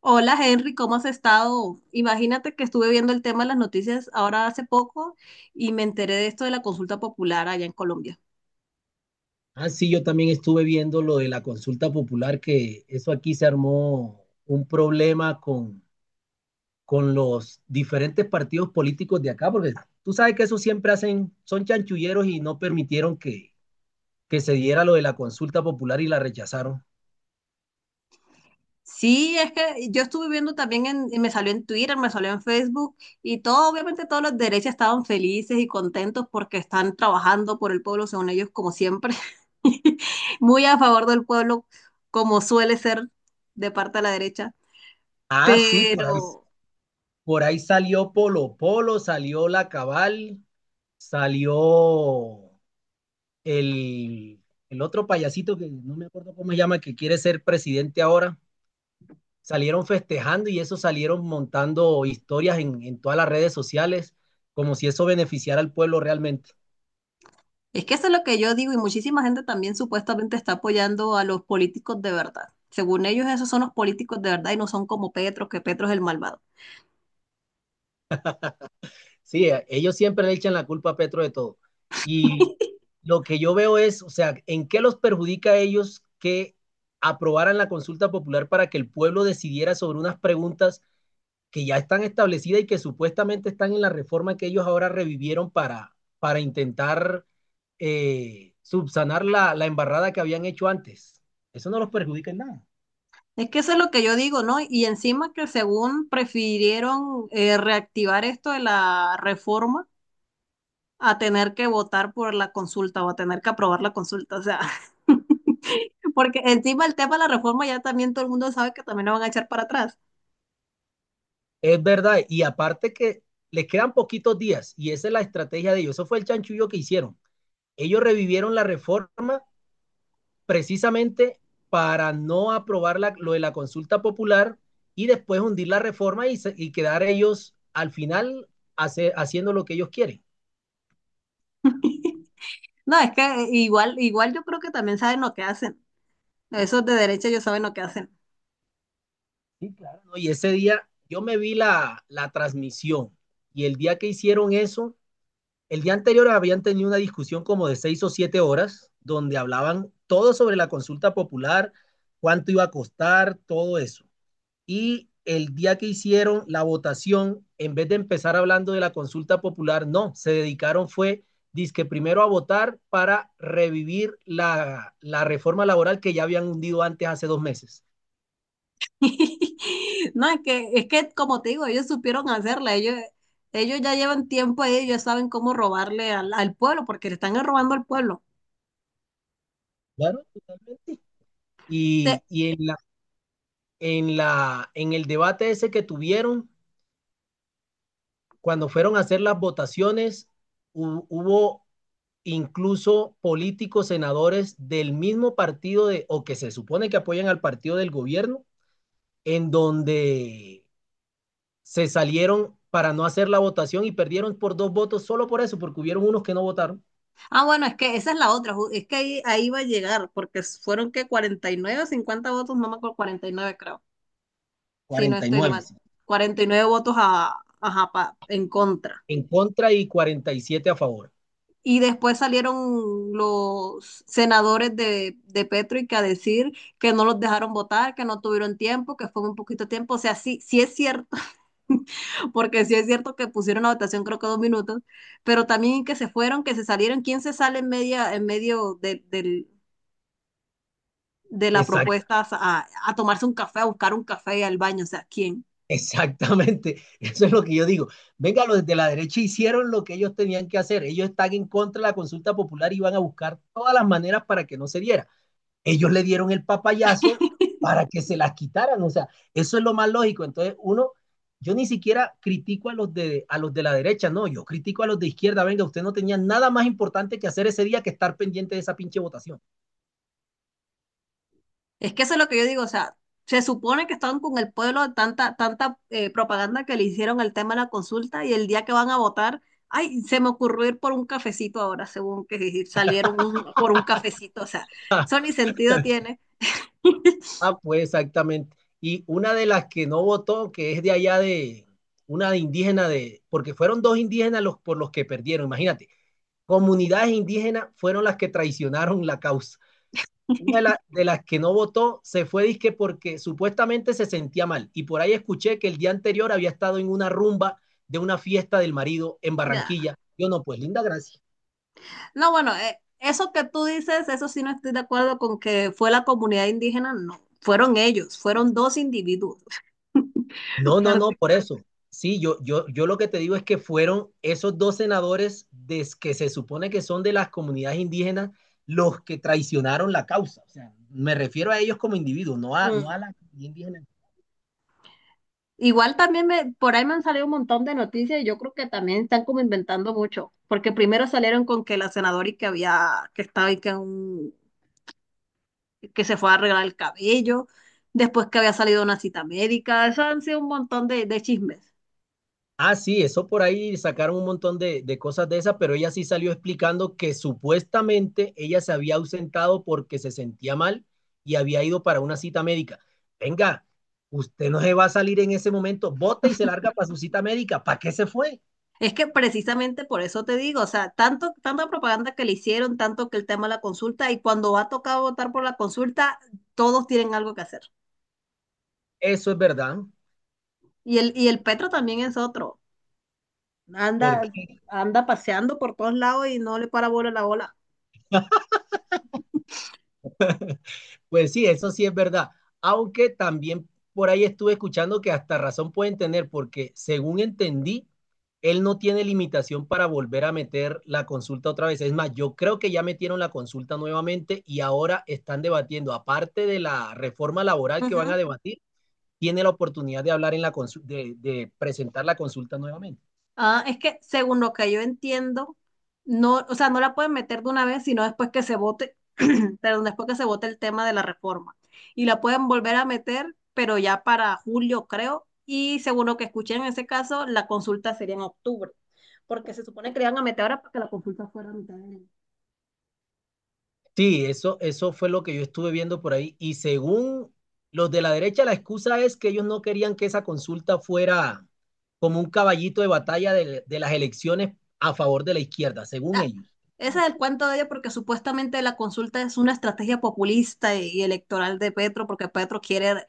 Hola Henry, ¿cómo has estado? Imagínate que estuve viendo el tema de las noticias ahora hace poco y me enteré de esto de la consulta popular allá en Colombia. Ah, sí, yo también estuve viendo lo de la consulta popular, que eso aquí se armó un problema con los diferentes partidos políticos de acá, porque tú sabes que eso siempre hacen, son chanchulleros y no permitieron que se diera lo de la consulta popular y la rechazaron. Sí, es que yo estuve viendo también, y me salió en Twitter, me salió en Facebook y todo, obviamente todos los derechas estaban felices y contentos porque están trabajando por el pueblo, según ellos, como siempre, muy a favor del pueblo, como suele ser de parte de la derecha. Ah, sí, Pero por ahí salió Polo Polo, salió La Cabal, salió el, el otro payasito que no me acuerdo cómo se llama, que quiere ser presidente ahora. Salieron festejando y eso, salieron montando historias en todas las redes sociales, como si eso beneficiara al pueblo realmente. es que eso es lo que yo digo y muchísima gente también supuestamente está apoyando a los políticos de verdad. Según ellos, esos son los políticos de verdad y no son como Petro, que Petro es el malvado. Sí, ellos siempre le echan la culpa a Petro de todo. Y lo que yo veo es, o sea, ¿en qué los perjudica a ellos que aprobaran la consulta popular para que el pueblo decidiera sobre unas preguntas que ya están establecidas y que supuestamente están en la reforma que ellos ahora revivieron para intentar subsanar la embarrada que habían hecho antes? Eso no los perjudica en nada. Es que eso es lo que yo digo, ¿no? Y encima que según prefirieron reactivar esto de la reforma a tener que votar por la consulta o a tener que aprobar la consulta. O sea, porque encima el tema de la reforma ya también todo el mundo sabe que también lo van a echar para atrás. Es verdad. Y aparte que les quedan poquitos días y esa es la estrategia de ellos. Eso fue el chanchullo que hicieron. Ellos revivieron la reforma precisamente para no aprobar lo de la consulta popular y después hundir la reforma y quedar ellos al final haciendo lo que ellos quieren. No, es que igual, igual yo creo que también saben lo que hacen. Esos de derecha ellos saben lo que hacen. Sí, claro, ¿no? Y ese día yo me vi la transmisión y el día que hicieron eso, el día anterior habían tenido una discusión como de seis o siete horas donde hablaban todo sobre la consulta popular, cuánto iba a costar, todo eso. Y el día que hicieron la votación, en vez de empezar hablando de la consulta popular, no, se dedicaron fue, dizque primero a votar para revivir la reforma laboral que ya habían hundido antes hace dos meses. No, es que como te digo, ellos supieron hacerla, ellos ya llevan tiempo ahí, ellos saben cómo robarle al pueblo, porque le están robando al pueblo. Claro, totalmente. Y, Se- y en la, en el debate ese que tuvieron, cuando fueron a hacer las votaciones, hubo incluso políticos, senadores del mismo partido de, o que se supone que apoyan al partido del gobierno, en donde se salieron para no hacer la votación y perdieron por dos votos solo por eso, porque hubieron unos que no votaron. ah, bueno, es que esa es la otra, es que ahí va a llegar, porque fueron que 49 o 50 votos, no me acuerdo, 49 creo, si no estoy 49 mal, 49 votos a, ajá, en contra. en contra y 47 a favor. Y después salieron los senadores de Petrick a decir que no los dejaron votar, que no tuvieron tiempo, que fue un poquito de tiempo. O sea, sí, sí es cierto, porque sí es cierto que pusieron la votación creo que dos minutos, pero también que se fueron, que se salieron. ¿Quién se sale en medio de la Exacto. propuesta a tomarse un café, a buscar un café y al baño? O sea, ¿quién? Exactamente, eso es lo que yo digo. Venga, los de la derecha hicieron lo que ellos tenían que hacer. Ellos están en contra de la consulta popular y van a buscar todas las maneras para que no se diera. Ellos le dieron el papayazo para que se las quitaran. O sea, eso es lo más lógico. Entonces, uno, yo ni siquiera critico a los de la derecha, no, yo critico a los de izquierda. Venga, usted no tenía nada más importante que hacer ese día que estar pendiente de esa pinche votación. Es que eso es lo que yo digo, o sea, se supone que estaban con el pueblo de tanta, tanta propaganda que le hicieron al tema de la consulta y el día que van a votar, ay, se me ocurrió ir por un cafecito ahora, según que salieron por un cafecito, o sea, eso ni sentido tiene. Ah, pues exactamente. Y una de las que no votó, que es de allá de una de indígena de, porque fueron dos indígenas los por los que perdieron, imagínate. Comunidades indígenas fueron las que traicionaron la causa. Una de, de las que no votó se fue disque porque supuestamente se sentía mal. Y por ahí escuché que el día anterior había estado en una rumba de una fiesta del marido en Ya. Barranquilla. Yo no, pues linda gracia. No, bueno, eso que tú dices, eso sí no estoy de acuerdo con que fue la comunidad indígena, no, fueron ellos, fueron dos individuos No, no, no, por particular. eso. Sí, yo lo que te digo es que fueron esos dos senadores que se supone que son de las comunidades indígenas los que traicionaron la causa. O sea, me refiero a ellos como individuos, no no a la comunidad indígena. Igual también por ahí me han salido un montón de noticias y yo creo que también están como inventando mucho, porque primero salieron con que la senadora y que había, que estaba y que que se fue a arreglar el cabello, después que había salido una cita médica, eso han sido un montón de chismes. Ah, sí, eso por ahí sacaron un montón de cosas de esas, pero ella sí salió explicando que supuestamente ella se había ausentado porque se sentía mal y había ido para una cita médica. Venga, usted no se va a salir en ese momento, bota y se larga para su cita médica. ¿Para qué se fue? Es que precisamente por eso te digo, o sea, tanto, tanta propaganda que le hicieron, tanto que el tema de la consulta, y cuando va a tocar votar por la consulta, todos tienen algo que hacer. Eso es verdad, Y el Petro también es otro. porque Anda, anda paseando por todos lados y no le para bola la bola. pues sí, eso sí es verdad, aunque también por ahí estuve escuchando que hasta razón pueden tener, porque según entendí, él no tiene limitación para volver a meter la consulta otra vez. Es más, yo creo que ya metieron la consulta nuevamente y ahora están debatiendo, aparte de la reforma laboral que van Ujú. a debatir, tiene la oportunidad de hablar en de presentar la consulta nuevamente. Ah, es que según lo que yo entiendo, no, o sea, no la pueden meter de una vez, sino después que se vote, perdón, después que se vote el tema de la reforma. Y la pueden volver a meter, pero ya para julio, creo, y según lo que escuché en ese caso, la consulta sería en octubre, porque se supone que le iban a meter ahora para que la consulta fuera a mitad de año. Sí, eso fue lo que yo estuve viendo por ahí. Y según los de la derecha, la excusa es que ellos no querían que esa consulta fuera como un caballito de batalla de las elecciones a favor de la izquierda, según Ah, ellos. ese es el cuento de ella porque supuestamente la consulta es una estrategia populista y electoral de Petro porque Petro quiere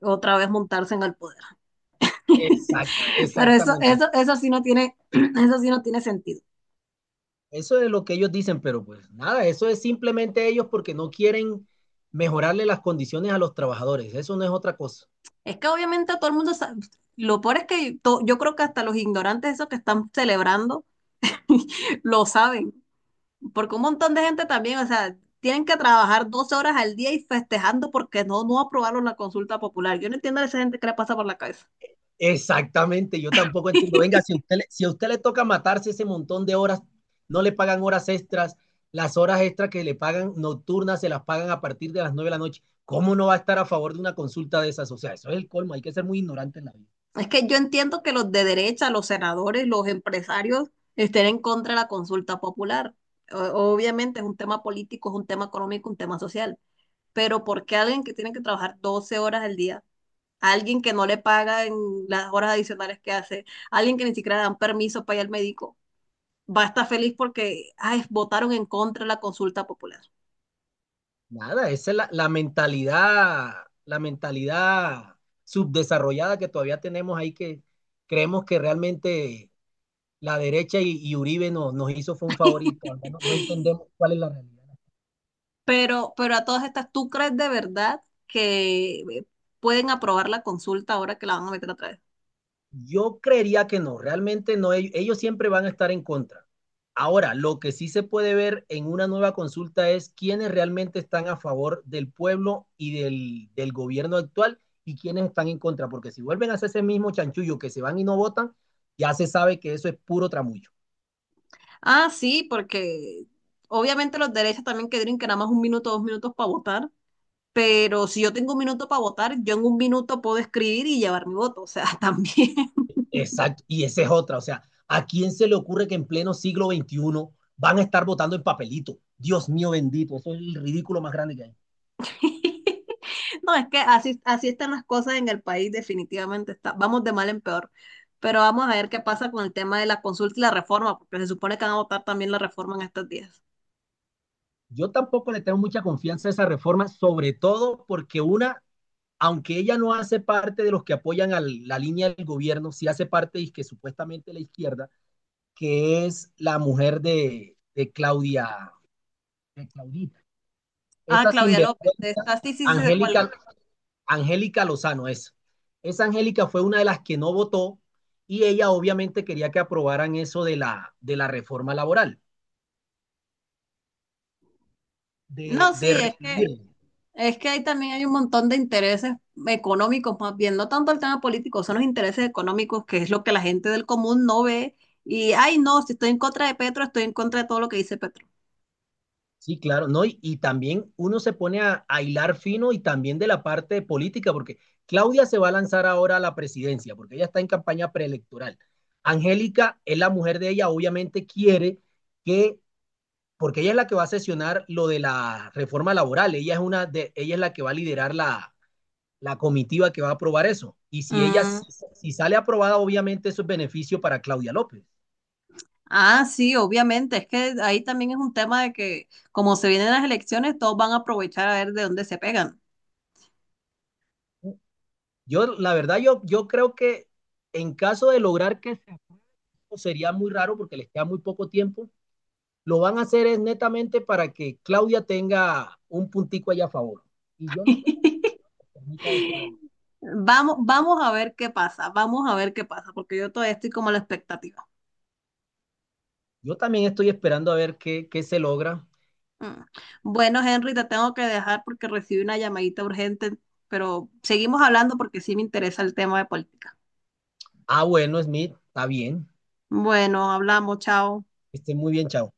otra vez montarse en el poder. Pero Exactamente. Eso sí no tiene, eso sí no tiene sentido. Eso es lo que ellos dicen, pero pues nada, eso es simplemente ellos porque no quieren mejorarle las condiciones a los trabajadores. Eso no es otra cosa. Es que obviamente todo el mundo sabe, lo peor es que yo creo que hasta los ignorantes esos que están celebrando lo saben, porque un montón de gente también, o sea, tienen que trabajar 12 horas al día y festejando porque no, no aprobaron la consulta popular. Yo no entiendo a esa gente que le pasa por la cabeza. Exactamente, yo tampoco entiendo. Venga, si a usted le toca matarse ese montón de horas, no le pagan horas extras, las horas extras que le pagan nocturnas se las pagan a partir de las 9 de la noche. ¿Cómo no va a estar a favor de una consulta de esas? O sea, eso es el colmo, hay que ser muy ignorante en la vida. Es que yo entiendo que los de derecha, los senadores, los empresarios estén en contra de la consulta popular. O- Obviamente es un tema político, es un tema económico, un tema social. Pero ¿por qué alguien que tiene que trabajar 12 horas al día, alguien que no le pagan las horas adicionales que hace, alguien que ni siquiera le dan permiso para ir al médico, va a estar feliz porque, ay, votaron en contra de la consulta popular? Nada, esa es la mentalidad subdesarrollada que todavía tenemos ahí que creemos que realmente la derecha y Uribe nos hizo fue un favorito, no, no entendemos cuál es la realidad. Pero a todas estas, ¿tú crees de verdad que pueden aprobar la consulta ahora que la van a meter atrás? Yo creería que no, realmente no, ellos siempre van a estar en contra. Ahora, lo que sí se puede ver en una nueva consulta es quiénes realmente están a favor del pueblo y del gobierno actual y quiénes están en contra, porque si vuelven a hacer ese mismo chanchullo que se van y no votan, ya se sabe que eso es puro tramullo. Ah, sí, porque obviamente los derechos también que nada más un minuto, dos minutos para votar, pero si yo tengo un minuto para votar, yo en un minuto puedo escribir y llevar mi voto, o sea, también. Exacto, y esa es otra, o sea, ¿a quién se le ocurre que en pleno siglo XXI van a estar votando en papelito? Dios mío bendito, eso es el ridículo más grande que hay. No, es que así, así están las cosas en el país, definitivamente está, vamos de mal en peor. Pero vamos a ver qué pasa con el tema de la consulta y la reforma, porque se supone que van a votar también la reforma en estos días. Yo tampoco le tengo mucha confianza a esa reforma, sobre todo porque una, aunque ella no hace parte de los que apoyan a la línea del gobierno, sí hace parte y que supuestamente la izquierda, que es la mujer de Claudia, de Claudita. Ah, Esa Claudia López, sinvergüenza, está, sí, sí, sí, sé cuál es. Angélica, Angélica Lozano es. Esa Angélica fue una de las que no votó y ella obviamente quería que aprobaran eso de de la reforma laboral, No, de sí, es que recibir. Es que ahí también hay un montón de intereses económicos, más bien, no tanto el tema político, son los intereses económicos, que es lo que la gente del común no ve. Y, ay, no, si estoy en contra de Petro, estoy en contra de todo lo que dice Petro. Sí, claro, ¿no? Y también uno se pone a hilar fino y también de la parte política, porque Claudia se va a lanzar ahora a la presidencia, porque ella está en campaña preelectoral. Angélica es la mujer de ella, obviamente quiere que, porque ella es la que va a sesionar lo de la reforma laboral, ella es, una de, ella es la que va a liderar la comitiva que va a aprobar eso. Y si ella Mm. si, si sale aprobada, obviamente eso es beneficio para Claudia López. Ah, sí, obviamente, es que ahí también es un tema de que como se vienen las elecciones, todos van a aprovechar a ver de dónde se pegan. Yo, la verdad, yo creo que en caso de lograr que sería muy raro porque les queda muy poco tiempo. Lo van a hacer es netamente para que Claudia tenga un puntico allá a favor. Y yo no creo que permita eso realmente. Vamos, vamos a ver qué pasa, vamos a ver qué pasa, porque yo todavía estoy como a la expectativa. Yo también estoy esperando a ver qué se logra. Mm. Bueno, Henry, te tengo que dejar porque recibí una llamadita urgente, pero seguimos hablando porque sí me interesa el tema de política. Ah, bueno, Smith, está bien. Bueno, hablamos, chao. Esté muy bien, chao.